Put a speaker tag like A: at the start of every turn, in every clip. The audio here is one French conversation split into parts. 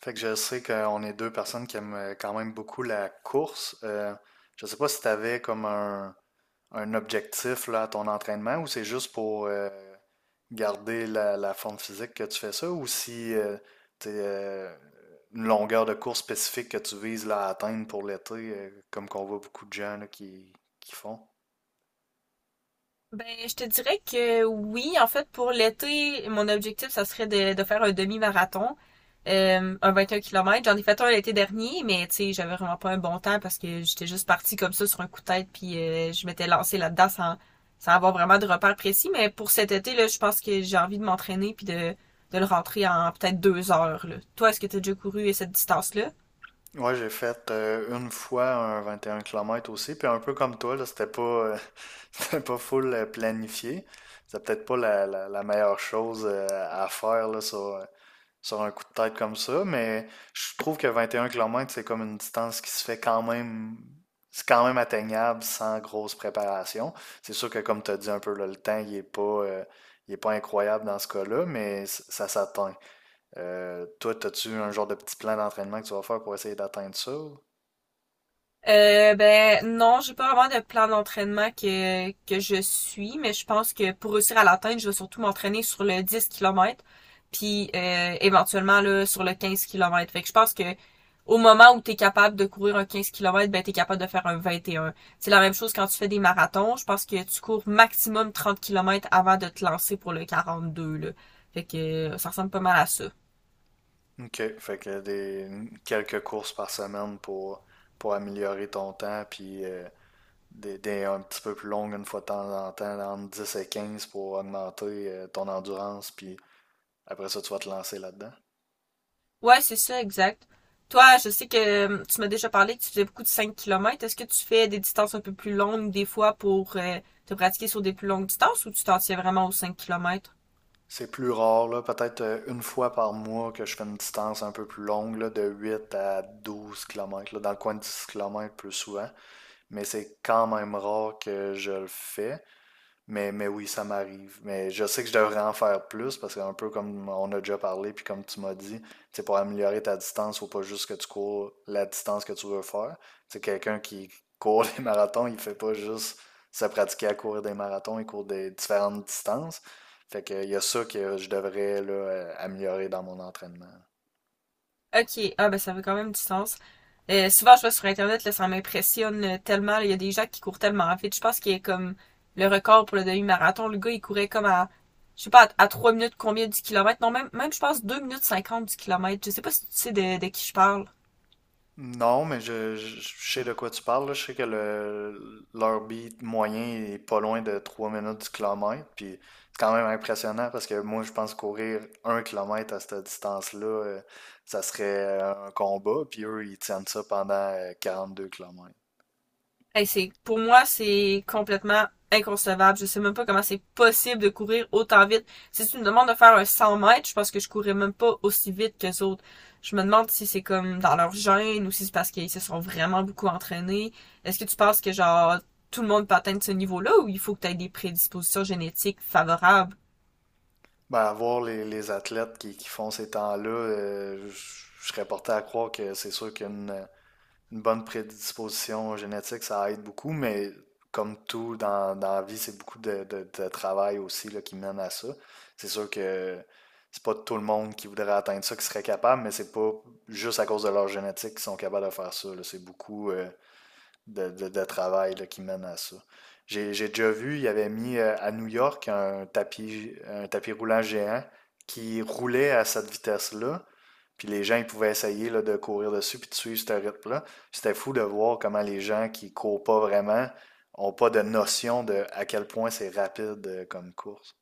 A: Fait que je sais qu'on est deux personnes qui aiment quand même beaucoup la course. Je sais pas si tu avais comme un objectif là, à ton entraînement ou c'est juste pour garder la forme physique que tu fais ça ou si tu une longueur de course spécifique que tu vises là, à atteindre pour l'été, comme qu'on voit beaucoup de gens là, qui font.
B: Ben, je te dirais que oui, en fait, pour l'été, mon objectif, ça serait de faire un demi-marathon, un 21 km. J'en ai fait un l'été dernier, mais tu sais, j'avais vraiment pas un bon temps parce que j'étais juste partie comme ça sur un coup de tête, puis je m'étais lancée là-dedans sans avoir vraiment de repères précis. Mais pour cet été, là, je pense que j'ai envie de m'entraîner puis de le rentrer en peut-être 2 heures, là. Toi, est-ce que tu as déjà couru cette distance-là?
A: Ouais, j'ai fait une fois un 21 km aussi, puis un peu comme toi, là, c'était pas, c'était pas full planifié. C'est peut-être pas la meilleure chose à faire là, sur un coup de tête comme ça, mais je trouve que 21 km, c'est comme une distance qui se fait quand même, c'est quand même atteignable sans grosse préparation. C'est sûr que comme tu as dit un peu, là, le temps, il est pas incroyable dans ce cas-là, mais ça s'atteint. Toi, as-tu un genre de petit plan d'entraînement que tu vas faire pour essayer d'atteindre ça?
B: Ben non, j'ai pas vraiment de plan d'entraînement que je suis, mais je pense que pour réussir à l'atteindre, je vais surtout m'entraîner sur le 10 km, puis éventuellement là, sur le 15 km. Fait que je pense que au moment où tu es capable de courir un 15 km, ben tu es capable de faire un 21. C'est la même chose quand tu fais des marathons, je pense que tu cours maximum 30 km avant de te lancer pour le 42 là. Fait que ça ressemble pas mal à ça.
A: OK. Fait que des quelques courses par semaine pour améliorer ton temps, puis des un petit peu plus longues une fois de temps en temps, entre 10 et 15 pour augmenter ton endurance, puis après ça, tu vas te lancer là-dedans.
B: Ouais, c'est ça, exact. Toi, je sais que tu m'as déjà parlé que tu faisais beaucoup de 5 km. Est-ce que tu fais des distances un peu plus longues des fois pour te pratiquer sur des plus longues distances ou tu t'en tiens vraiment aux 5 km?
A: C'est plus rare, là, peut-être une fois par mois que je fais une distance un peu plus longue, là, de 8 à 12 km là, dans le coin de 10 km plus souvent. Mais c'est quand même rare que je le fais. Mais oui, ça m'arrive. Mais je sais que je devrais en faire plus parce qu'un peu comme on a déjà parlé, puis comme tu m'as dit, c'est pour améliorer ta distance, faut pas juste que tu cours la distance que tu veux faire. C'est quelqu'un qui court des marathons, il fait pas juste se pratiquer à courir des marathons, il court des différentes distances. Fait que il y a ça que je devrais là, améliorer dans mon entraînement.
B: Ok, ah ben ça fait quand même distance. Souvent, je vois sur Internet, là, ça m'impressionne tellement, là. Il y a des gens qui courent tellement vite. Je pense qu'il y a comme le record pour le demi-marathon. Le gars, il courait comme à, je sais pas, à 3 minutes combien du kilomètre. Non, même je pense 2 min 50 du kilomètre. Je sais pas si tu sais de qui je parle.
A: Non, mais je sais de quoi tu parles, là. Je sais que leur beat moyen est pas loin de 3 minutes du kilomètre. Puis c'est quand même impressionnant parce que moi, je pense courir 1 km à cette distance-là, ça serait un combat. Puis eux, ils tiennent ça pendant 2 km.
B: Hey, c'est, pour moi, c'est complètement inconcevable. Je sais même pas comment c'est possible de courir autant vite. Si tu me demandes de faire un 100 mètres, je pense que je courrais même pas aussi vite que les autres. Je me demande si c'est comme dans leur gène ou si c'est parce qu'ils se sont vraiment beaucoup entraînés. Est-ce que tu penses que genre tout le monde peut atteindre ce niveau-là ou il faut que tu aies des prédispositions génétiques favorables?
A: Ben, à voir les athlètes qui font ces temps-là, je serais porté à croire que c'est sûr qu'une une bonne prédisposition génétique, ça aide beaucoup, mais comme tout dans la vie, c'est beaucoup de travail aussi là, qui mène à ça. C'est sûr que c'est pas tout le monde qui voudrait atteindre ça qui serait capable, mais c'est pas juste à cause de leur génétique qu'ils sont capables de faire ça, là. C'est beaucoup de travail là, qui mène à ça. J'ai déjà vu, il avait mis à New York un tapis roulant géant qui roulait à cette vitesse-là. Puis les gens, ils pouvaient essayer là, de courir dessus puis de suivre ce rythme-là. C'était fou de voir comment les gens qui courent pas vraiment ont pas de notion de à quel point c'est rapide comme course.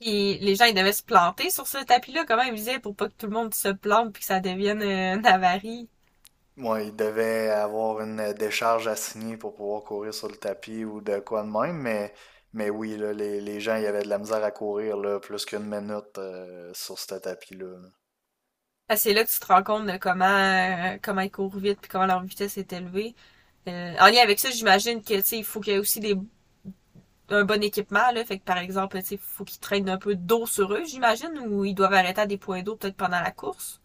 B: Puis les gens, ils devaient se planter sur ce tapis-là, comment ils disaient, pour pas que tout le monde se plante puis que ça devienne une avarie.
A: Ouais, il devait avoir une décharge à signer pour pouvoir courir sur le tapis ou de quoi de même, mais oui, là, les gens, il y avait de la misère à courir là, plus qu'une minute sur ce tapis-là. Là.
B: Ah, c'est là que tu te rends compte de comment ils courent vite puis comment leur vitesse est élevée. En lien avec ça, j'imagine que tu sais, il faut qu'il y ait aussi des un bon équipement là, fait que par exemple, tu sais, il faut qu'ils traînent un peu d'eau sur eux, j'imagine, ou ils doivent arrêter à des points d'eau peut-être pendant la course.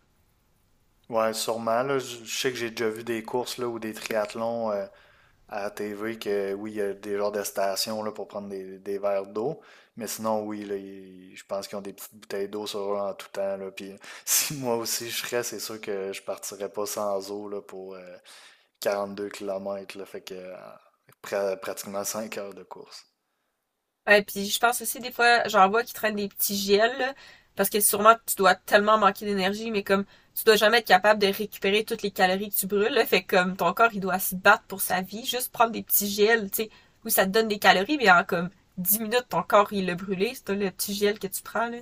A: Ouais, sûrement. Là, je sais que j'ai déjà vu des courses là, ou des triathlons, à la TV que oui, il y a des genres de stations là, pour prendre des verres d'eau. Mais sinon, oui, là, je pense qu'ils ont des petites bouteilles d'eau sur eux en tout temps. Là. Puis, si moi aussi je serais, c'est sûr que je partirais pas sans eau là, pour 2 km là, fait que pratiquement 5 heures de course.
B: Ouais, puis je pense aussi des fois, j'en vois qui traînent des petits gels, là, parce que sûrement tu dois tellement manquer d'énergie, mais comme tu dois jamais être capable de récupérer toutes les calories que tu brûles, là, fait que comme ton corps il doit se battre pour sa vie, juste prendre des petits gels, tu sais, où ça te donne des calories, mais en comme 10 minutes ton corps il l'a brûlé, c'est le petit gel que tu prends là.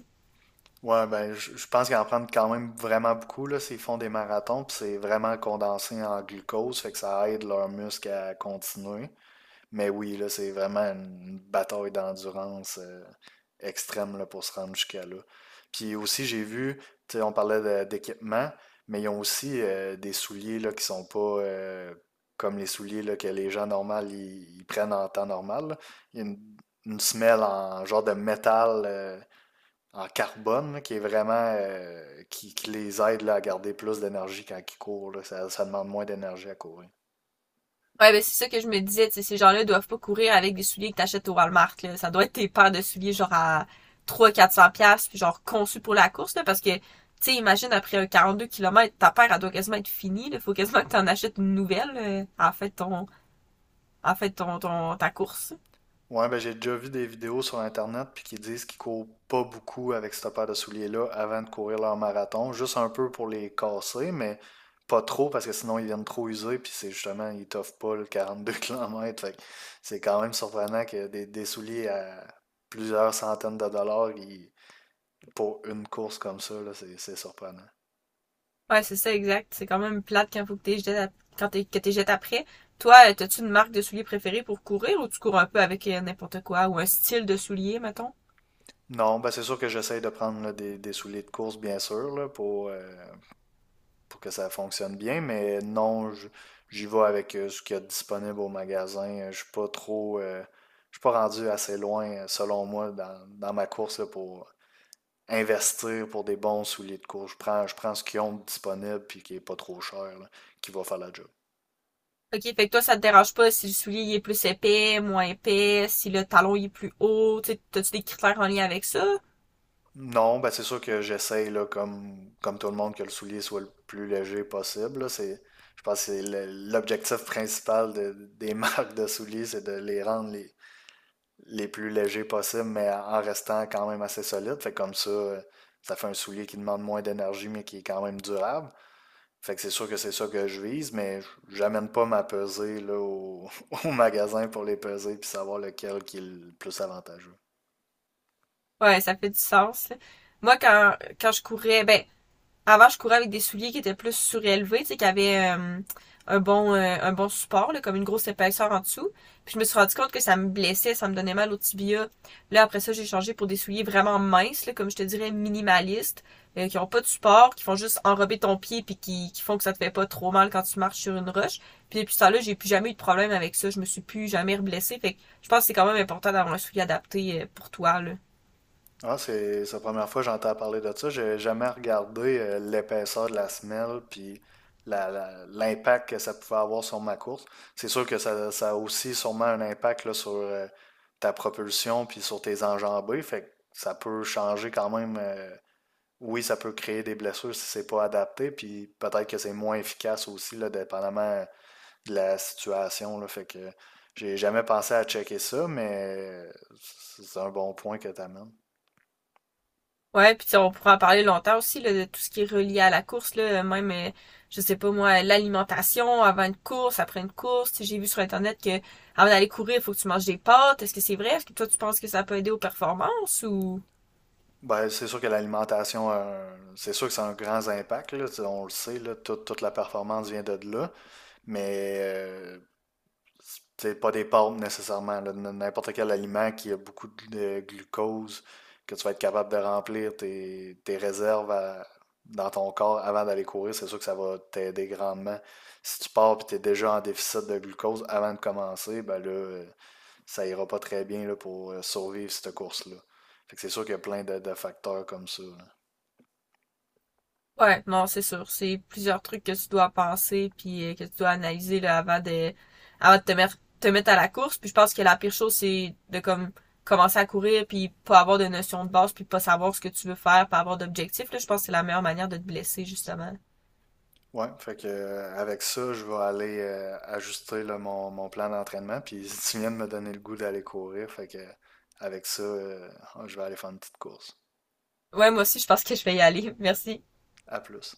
A: Ouais, ben je pense qu'ils en prennent quand même vraiment beaucoup là, s'ils font des marathons, puis c'est vraiment condensé en glucose, fait que ça aide leurs muscles à continuer. Mais oui, là, c'est vraiment une bataille d'endurance, extrême là, pour se rendre jusqu'à là. Puis aussi, j'ai vu, tu sais, on parlait d'équipement, mais ils ont aussi des souliers là, qui sont pas comme les souliers là, que les gens normaux ils prennent en temps normal, là. Il y a une semelle en genre de métal en carbone là, qui est vraiment qui les aide là, à garder plus d'énergie quand ils courent, là. Ça, ça demande moins d'énergie à courir.
B: Ouais, ben c'est ça que je me disais, tu sais, ces gens-là doivent pas courir avec des souliers que t'achètes au Walmart, là. Ça doit être tes paires de souliers, genre, à trois, cents 400 piastres, puis genre, conçus pour la course, là, parce que, tu sais, imagine, après un 42 km, ta paire, elle doit quasiment être finie, là. Faut quasiment que t'en achètes une nouvelle, en fait, ton, en fait, ta course.
A: Ouais, ben j'ai déjà vu des vidéos sur Internet puis qui disent qu'ils courent pas beaucoup avec cette paire de souliers-là avant de courir leur marathon, juste un peu pour les casser, mais pas trop parce que sinon ils viennent trop usés puis c'est justement, ils t'offrent pas le 42 km. Fait que c'est quand même surprenant que des souliers à plusieurs centaines de dollars pour une course comme ça, là, c'est surprenant.
B: Ouais, c'est ça, exact. C'est quand même plate quand faut que t'es jeté, que t'es jeté après. Toi, t'as-tu une marque de souliers préférée pour courir, ou tu cours un peu avec n'importe quoi, ou un style de souliers, mettons?
A: Non, ben c'est sûr que j'essaye de prendre là, des souliers de course, bien sûr, là, pour que ça fonctionne bien, mais non, j'y vais avec ce qu'il y a de disponible au magasin. Je suis pas rendu assez loin, selon moi, dans ma course là, pour investir pour des bons souliers de course. Je prends ce qu'ils ont de disponible puis qui est pas trop cher, là, qui va faire la job.
B: OK, fait que toi, ça te dérange pas si le soulier il est plus épais, moins épais, si le talon il est plus haut, tu sais, t'as-tu des critères en lien avec ça?
A: Non, ben c'est sûr que j'essaye, là, comme tout le monde, que le soulier soit le plus léger possible, là. Je pense que c'est l'objectif principal des marques de souliers, c'est de les rendre les plus légers possibles, mais en restant quand même assez solide. Fait que comme ça, ça fait un soulier qui demande moins d'énergie, mais qui est quand même durable. Fait que c'est sûr que c'est ça que je vise, mais j'amène pas ma pesée là, au, au magasin pour les peser puis savoir lequel qui est le plus avantageux.
B: Ouais, ça fait du sens, là. Moi, quand je courais, ben, avant, je courais avec des souliers qui étaient plus surélevés, tu sais, qui avaient un bon support, là, comme une grosse épaisseur en dessous. Puis je me suis rendu compte que ça me blessait, ça me donnait mal au tibia. Là, après ça, j'ai changé pour des souliers vraiment minces, là, comme je te dirais, minimalistes, qui n'ont pas de support, qui font juste enrober ton pied puis qui font que ça te fait pas trop mal quand tu marches sur une roche. Puis depuis ça là, j'ai plus jamais eu de problème avec ça. Je me suis plus jamais reblessée. Fait que je pense que c'est quand même important d'avoir un soulier adapté pour toi, là.
A: Ah, c'est la première fois que j'entends parler de ça. J'ai jamais regardé l'épaisseur de la semelle puis l'impact que ça pouvait avoir sur ma course. C'est sûr que ça a aussi sûrement un impact là, sur ta propulsion puis sur tes enjambées. Fait que ça peut changer quand même. Oui, ça peut créer des blessures si c'est pas adapté. Puis peut-être que c'est moins efficace aussi, là, dépendamment de la situation, là. Fait que j'ai jamais pensé à checker ça, mais c'est un bon point que tu amènes.
B: Ouais, puis tu sais, on pourra en parler longtemps aussi là, de tout ce qui est relié à la course là, même je sais pas moi, l'alimentation avant une course, après une course. Tu sais, j'ai vu sur internet que avant d'aller courir, il faut que tu manges des pâtes. Est-ce que c'est vrai? Est-ce que toi tu penses que ça peut aider aux performances ou?
A: Ben, c'est sûr que l'alimentation, c'est sûr que ça a un grand impact, là, tu sais, on le sait, là, toute la performance vient de là, mais c'est pas des pâtes nécessairement, là, n'importe quel aliment qui a beaucoup de glucose, que tu vas être capable de remplir tes réserves dans ton corps avant d'aller courir, c'est sûr que ça va t'aider grandement. Si tu pars et tu es déjà en déficit de glucose avant de commencer, ben là, ça ira pas très bien là, pour survivre cette course-là. Fait que c'est sûr qu'il y a plein de facteurs comme ça, là.
B: Ouais, non, c'est sûr, c'est plusieurs trucs que tu dois penser puis que tu dois analyser là avant de te mettre à la course. Puis je pense que la pire chose c'est de comme commencer à courir puis pas avoir de notion de base puis pas savoir ce que tu veux faire, pas avoir d'objectif là, je pense que c'est la meilleure manière de te blesser justement.
A: Ouais, fait que avec ça, je vais aller ajuster là, mon plan d'entraînement. Puis tu viens de me donner le goût d'aller courir, fait que avec ça, je vais aller faire une petite course.
B: Ouais, moi aussi, je pense que je vais y aller. Merci.
A: À plus.